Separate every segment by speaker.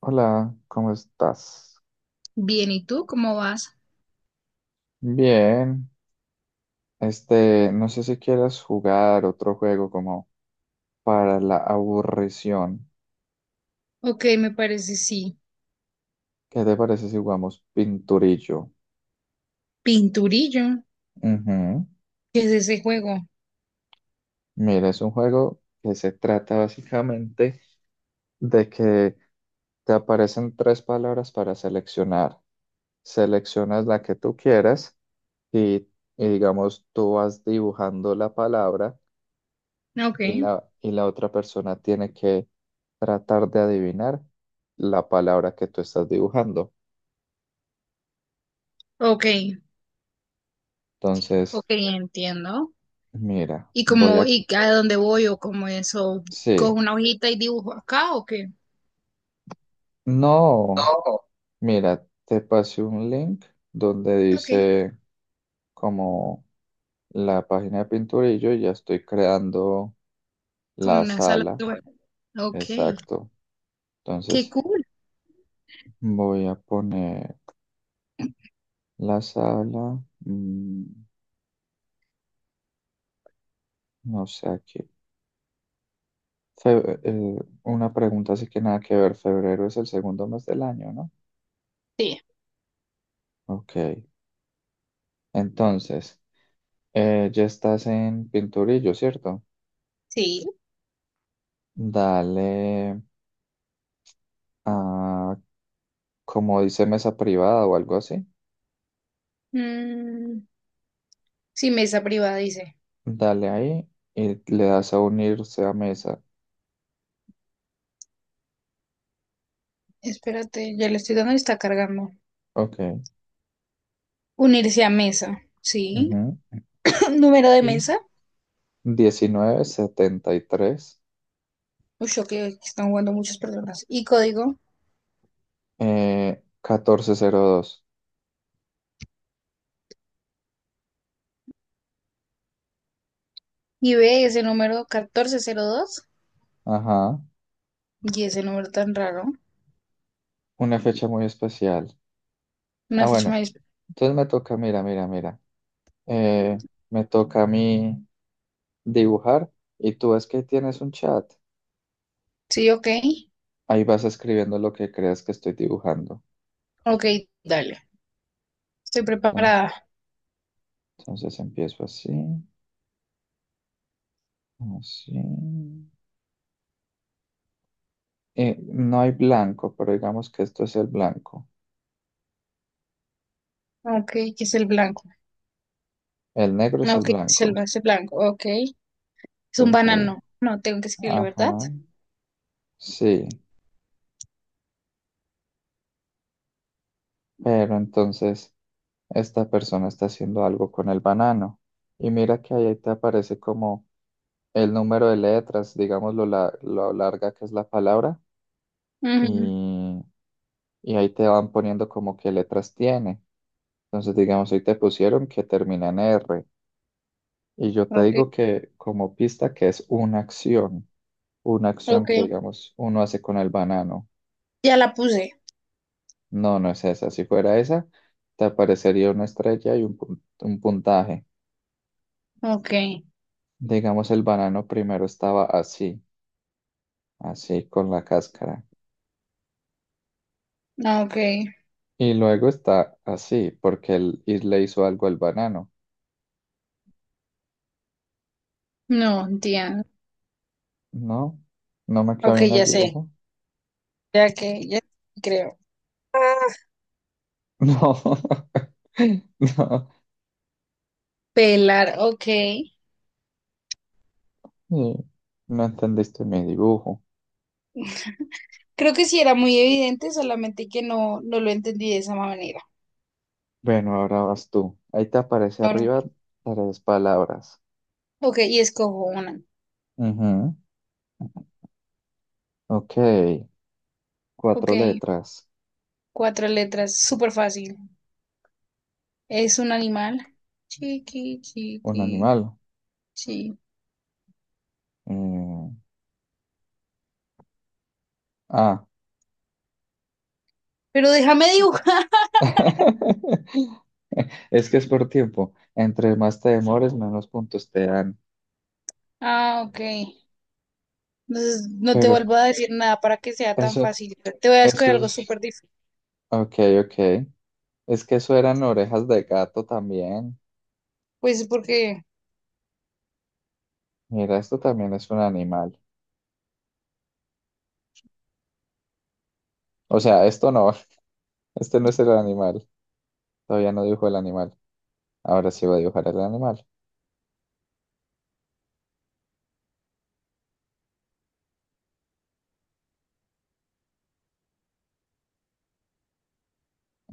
Speaker 1: Hola, ¿cómo estás?
Speaker 2: Bien, ¿y tú cómo vas?
Speaker 1: Bien. Este, no sé si quieras jugar otro juego como para la aburrición.
Speaker 2: Ok, me parece sí.
Speaker 1: ¿Qué te parece si jugamos Pinturillo?
Speaker 2: Pinturillo,
Speaker 1: Ujú.
Speaker 2: ¿qué es ese juego?
Speaker 1: Mira, es un juego que se trata básicamente de que te aparecen tres palabras para seleccionar. Seleccionas la que tú quieras y, y digamos, tú vas dibujando la palabra
Speaker 2: Ah, ok,
Speaker 1: y la otra persona tiene que tratar de adivinar la palabra que tú estás dibujando.
Speaker 2: ok, ok,
Speaker 1: Entonces,
Speaker 2: entiendo.
Speaker 1: mira,
Speaker 2: ¿Y
Speaker 1: voy
Speaker 2: cómo,
Speaker 1: a...
Speaker 2: y a dónde voy o cómo eso? ¿Cojo
Speaker 1: Sí,
Speaker 2: una hojita y dibujo acá o qué?
Speaker 1: no,
Speaker 2: No.
Speaker 1: mira, te pasé un link donde
Speaker 2: Ok,
Speaker 1: dice como la página de pintura y yo ya estoy creando
Speaker 2: como
Speaker 1: la
Speaker 2: una sala
Speaker 1: sala.
Speaker 2: de juego. Ok,
Speaker 1: Exacto.
Speaker 2: qué
Speaker 1: Entonces,
Speaker 2: cool.
Speaker 1: voy a poner la sala, no sé aquí. Fe- eh, una pregunta así que nada que ver. Febrero es el segundo mes del año, ¿no?
Speaker 2: Sí,
Speaker 1: Ok. Entonces, ya estás en Pinturillo, ¿cierto?
Speaker 2: sí.
Speaker 1: Dale a, como dice mesa privada o algo así.
Speaker 2: Mm, sí, mesa privada, dice.
Speaker 1: Dale ahí y le das a unirse a mesa.
Speaker 2: Espérate, ya le estoy dando y está cargando.
Speaker 1: Ok.
Speaker 2: Unirse a mesa, sí.
Speaker 1: Ujú.
Speaker 2: Número de
Speaker 1: Y
Speaker 2: mesa.
Speaker 1: 1973,
Speaker 2: Uy, ok, aquí están jugando muchas personas. ¿Y código?
Speaker 1: 1402.
Speaker 2: Y ve ese número 1402
Speaker 1: Ajá.
Speaker 2: y ese número tan raro.
Speaker 1: Una fecha muy especial. Ah,
Speaker 2: Una fecha
Speaker 1: bueno.
Speaker 2: más.
Speaker 1: Entonces me toca, mira, mira, mira. eh, Me toca a mí dibujar y tú ves que tienes un chat.
Speaker 2: Sí, ok.
Speaker 1: Ahí vas escribiendo lo que creas que estoy dibujando.
Speaker 2: Ok, dale. Estoy
Speaker 1: ¿No?
Speaker 2: preparada.
Speaker 1: Entonces empiezo así, así. No hay blanco, pero digamos que esto es el blanco.
Speaker 2: Ok, ¿qué es el blanco?
Speaker 1: El negro es el
Speaker 2: Ok, ¿qué es el,
Speaker 1: blanco.
Speaker 2: ese blanco? Ok. Es un
Speaker 1: Entonces ahí,
Speaker 2: banano. No, tengo que escribirlo, ¿verdad?
Speaker 1: ajá, sí. Pero entonces esta persona está haciendo algo con el banano. Y mira que ahí te aparece como el número de letras, digamos lo, lo larga que es la palabra
Speaker 2: Ujú,
Speaker 1: y, y ahí te van poniendo como qué letras tiene. Entonces, digamos, ahí te pusieron que termina en R y yo te
Speaker 2: ok,
Speaker 1: digo que como pista que es una acción
Speaker 2: ok.
Speaker 1: que, digamos, uno hace con el banano.
Speaker 2: Ya la puse.
Speaker 1: No, no es esa. Si fuera esa, te aparecería una estrella y un puntaje.
Speaker 2: Ok,
Speaker 1: Digamos, el banano primero estaba así, así con la cáscara.
Speaker 2: ok.
Speaker 1: Y luego está así, porque él y le hizo algo al banano.
Speaker 2: No, entiendo.
Speaker 1: No, no me quedó
Speaker 2: Ok,
Speaker 1: bien el
Speaker 2: ya sé.
Speaker 1: dibujo.
Speaker 2: Ya que, ya creo.
Speaker 1: No, no,
Speaker 2: Pelar, ok.
Speaker 1: eh, no entendiste mi dibujo.
Speaker 2: Creo que sí era muy evidente, solamente que no, no lo entendí de esa manera.
Speaker 1: Bueno, ahora vas tú. Ahí te aparece arriba tres palabras.
Speaker 2: Ok, y escojo una.
Speaker 1: Ujú. Ok,
Speaker 2: Ok,
Speaker 1: cuatro letras.
Speaker 2: cuatro letras, súper fácil. Es un animal. Chiqui,
Speaker 1: Un
Speaker 2: chiqui,
Speaker 1: animal.
Speaker 2: chi.
Speaker 1: Mm, ah.
Speaker 2: Pero déjame dibujar.
Speaker 1: Es que es por tiempo. Entre más te demores, menos puntos te dan.
Speaker 2: Ah, ok. Entonces no te
Speaker 1: Pero
Speaker 2: vuelvo a decir nada para que sea tan
Speaker 1: eso,
Speaker 2: fácil. Te voy a escoger
Speaker 1: eso
Speaker 2: algo
Speaker 1: es...
Speaker 2: súper difícil.
Speaker 1: Ok, ok. Es que eso eran orejas de gato también.
Speaker 2: Pues porque...
Speaker 1: Mira, esto también es un animal. O sea, esto no, este no es el animal. Todavía no dibujo el animal. Ahora sí voy a dibujar el animal.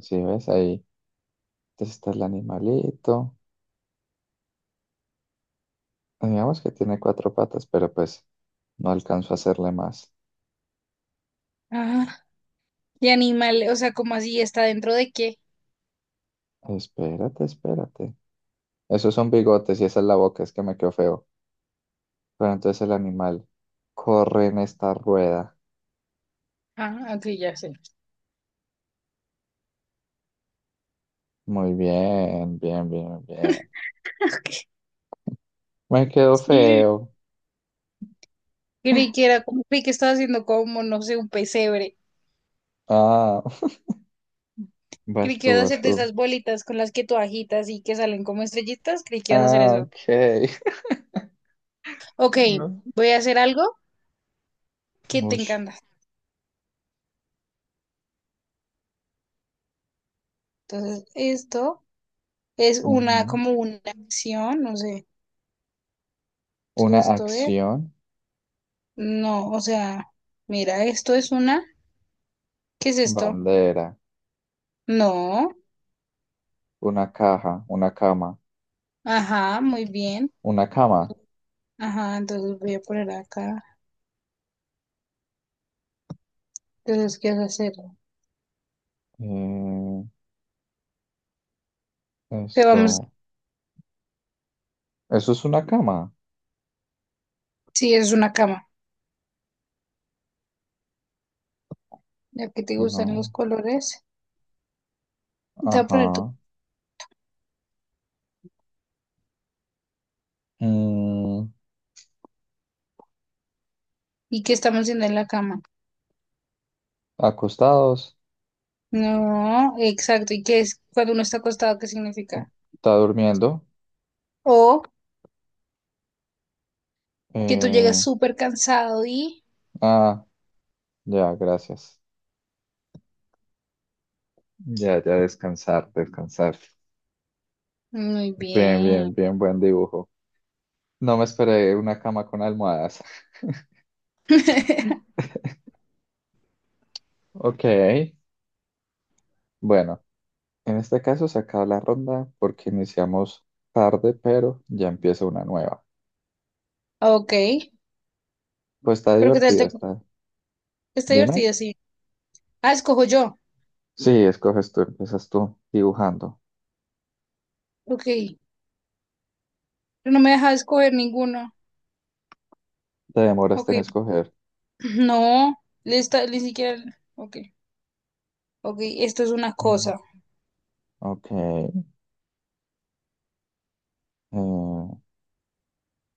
Speaker 1: Sí, ¿ves? Ahí entonces está el animalito. Digamos que tiene cuatro patas, pero pues no alcanzo a hacerle más.
Speaker 2: Ah, y animal, o sea, como así? ¿Está dentro de qué?
Speaker 1: Espérate, espérate. Esos son bigotes y esa es la boca, es que me quedó feo. Pero entonces el animal corre en esta rueda.
Speaker 2: Ah, ok, ya sé.
Speaker 1: Muy bien, bien, bien, bien.
Speaker 2: Ok,
Speaker 1: Me quedó
Speaker 2: sí.
Speaker 1: feo.
Speaker 2: Creí que era como, creí que estaba haciendo como, no sé, un pesebre.
Speaker 1: Ah, vas
Speaker 2: Creí que
Speaker 1: tú,
Speaker 2: ibas a
Speaker 1: vas
Speaker 2: hacer de
Speaker 1: tú.
Speaker 2: esas bolitas con las que tú agitas y que salen como estrellitas. Creí que ibas a hacer
Speaker 1: Ah,
Speaker 2: eso.
Speaker 1: ok.
Speaker 2: Ok,
Speaker 1: No.
Speaker 2: voy a hacer algo que te
Speaker 1: Uy.
Speaker 2: encanta. Entonces, esto es una,
Speaker 1: Ujú.
Speaker 2: como una acción, no sé.
Speaker 1: Una
Speaker 2: Entonces, esto es,
Speaker 1: acción,
Speaker 2: no, o sea, mira, esto es una, ¿qué es esto?
Speaker 1: bandera,
Speaker 2: No,
Speaker 1: una caja, una cama,
Speaker 2: ajá, muy bien.
Speaker 1: una cama.
Speaker 2: Ajá, entonces voy a poner acá. Entonces, ¿qué vas a hacer?
Speaker 1: Eh,
Speaker 2: Te vamos,
Speaker 1: esto, ¿eso es una cama?
Speaker 2: sí, es una cama. Ya que te gustan los
Speaker 1: No.
Speaker 2: colores, te voy a poner tu.
Speaker 1: Ajá. Mm,
Speaker 2: ¿Y qué estamos haciendo en la cama?
Speaker 1: acostados,
Speaker 2: No, exacto. ¿Y qué es cuando uno está acostado? ¿Qué significa?
Speaker 1: está durmiendo.
Speaker 2: O que tú llegas
Speaker 1: Eh,
Speaker 2: súper cansado y...
Speaker 1: ah, ya, gracias. Ya, ya, descansar, descansar.
Speaker 2: Muy
Speaker 1: Bien,
Speaker 2: bien.
Speaker 1: bien, bien, buen dibujo. No me esperé una cama con almohadas. Ok, bueno. En este caso se acaba la ronda porque iniciamos tarde, pero ya empieza una nueva.
Speaker 2: Ok.
Speaker 1: Pues está
Speaker 2: Pero ¿qué tal
Speaker 1: divertido,
Speaker 2: te...
Speaker 1: está.
Speaker 2: Está
Speaker 1: Dime.
Speaker 2: divertido, sí. Ah, escojo yo.
Speaker 1: Sí, escoges tú, empiezas tú dibujando.
Speaker 2: Ok. Pero no me deja escoger ninguno.
Speaker 1: Te demoraste
Speaker 2: Ok.
Speaker 1: en escoger.
Speaker 2: No. Le está- ni siquiera... Ok. Ok. Esto es una
Speaker 1: Mm,
Speaker 2: cosa.
Speaker 1: ok.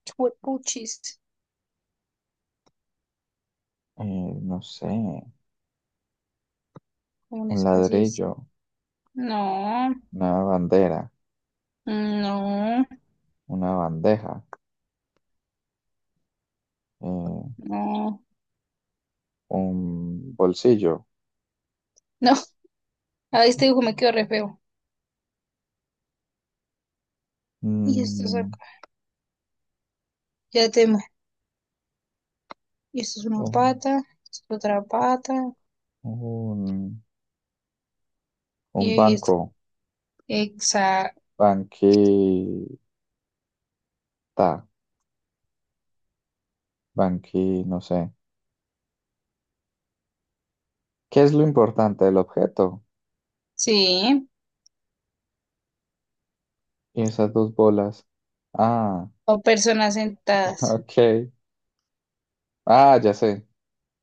Speaker 2: Chuepuchis.
Speaker 1: eh, no sé.
Speaker 2: Como un
Speaker 1: Un
Speaker 2: espacio es.
Speaker 1: ladrillo,
Speaker 2: No.
Speaker 1: una bandera,
Speaker 2: No.
Speaker 1: una bandeja, eh,
Speaker 2: No.
Speaker 1: un bolsillo,
Speaker 2: No. A este dibujo me quedó re feo. Y esto es
Speaker 1: mm,
Speaker 2: acá. Ya te y esto es una
Speaker 1: un,
Speaker 2: pata, esto es otra pata.
Speaker 1: un, un
Speaker 2: Y esto.
Speaker 1: banco,
Speaker 2: Exacto.
Speaker 1: banquita, banqui, no sé. ¿Qué es lo importante del objeto?
Speaker 2: Sí.
Speaker 1: Y esas dos bolas. Ah,
Speaker 2: O personas sentadas.
Speaker 1: ok. Ah, ya sé.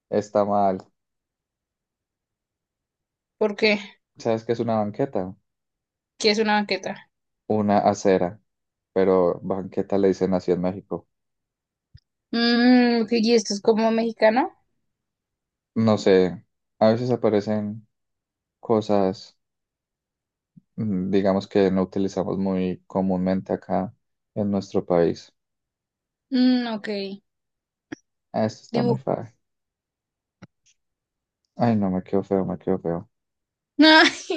Speaker 1: Está mal.
Speaker 2: ¿Por qué?
Speaker 1: ¿Sabes qué es una banqueta?
Speaker 2: ¿Qué es una banqueta?
Speaker 1: Una acera. Pero banqueta le dicen así en México.
Speaker 2: Mm, ok, ¿y esto es como mexicano?
Speaker 1: No sé. A veces aparecen cosas, digamos que no utilizamos muy comúnmente acá en nuestro país.
Speaker 2: Mm, ok.
Speaker 1: Ah, esto está muy
Speaker 2: Dibujo.
Speaker 1: fácil. Ay, no, me quedo feo, me quedo feo.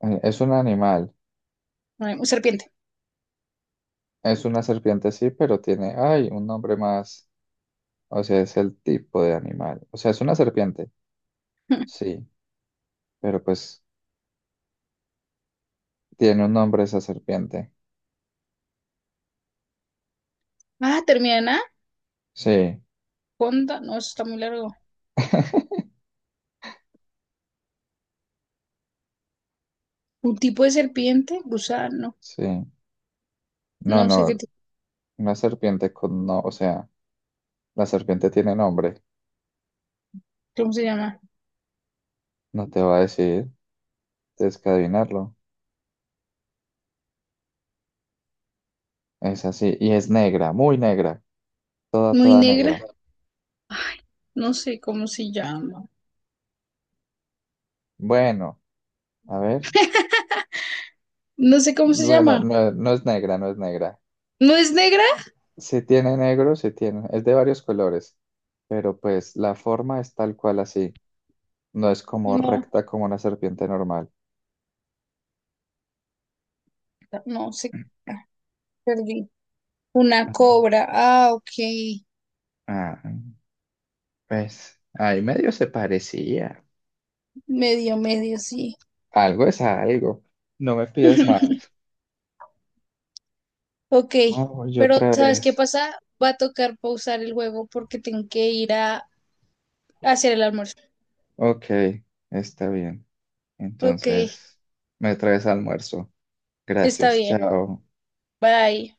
Speaker 1: Ay, es un animal.
Speaker 2: Ay, un serpiente.
Speaker 1: Es una serpiente, sí, pero tiene, ay, un nombre más. O sea, es el tipo de animal. O sea, es una serpiente. Sí, pero pues tiene un nombre esa serpiente.
Speaker 2: Ah, termina en A.
Speaker 1: Sí,
Speaker 2: Conda. No, eso está muy largo. Un tipo de serpiente, gusano.
Speaker 1: sí. No,
Speaker 2: No sé qué
Speaker 1: no,
Speaker 2: tipo,
Speaker 1: una serpiente con no, o sea, la serpiente tiene nombre.
Speaker 2: cómo se llama.
Speaker 1: No te va a decir, tienes que adivinarlo. Es así. Y es negra, muy negra. Toda,
Speaker 2: Muy
Speaker 1: toda
Speaker 2: negra.
Speaker 1: negra.
Speaker 2: No sé cómo se llama.
Speaker 1: Bueno, a ver.
Speaker 2: No sé cómo se
Speaker 1: Bueno,
Speaker 2: llama.
Speaker 1: no, no es negra, no es negra.
Speaker 2: ¿No es negra?
Speaker 1: Sí tiene negro, sí tiene. Es de varios colores, pero pues la forma es tal cual así. No es como
Speaker 2: No,
Speaker 1: recta como una serpiente normal.
Speaker 2: no sé. Perdí. Una cobra. Ah, ok.
Speaker 1: Ah, pues ahí medio se parecía.
Speaker 2: Medio, medio, sí.
Speaker 1: Algo es algo. No me pidas más.
Speaker 2: Ok.
Speaker 1: Oh, yo
Speaker 2: Pero,
Speaker 1: otra
Speaker 2: ¿sabes qué
Speaker 1: vez.
Speaker 2: pasa? Va a tocar pausar el juego porque tengo que ir a hacer el almuerzo.
Speaker 1: Ok, está bien.
Speaker 2: Ok,
Speaker 1: Entonces, me traes almuerzo.
Speaker 2: está
Speaker 1: Gracias,
Speaker 2: bien.
Speaker 1: chao.
Speaker 2: Bye.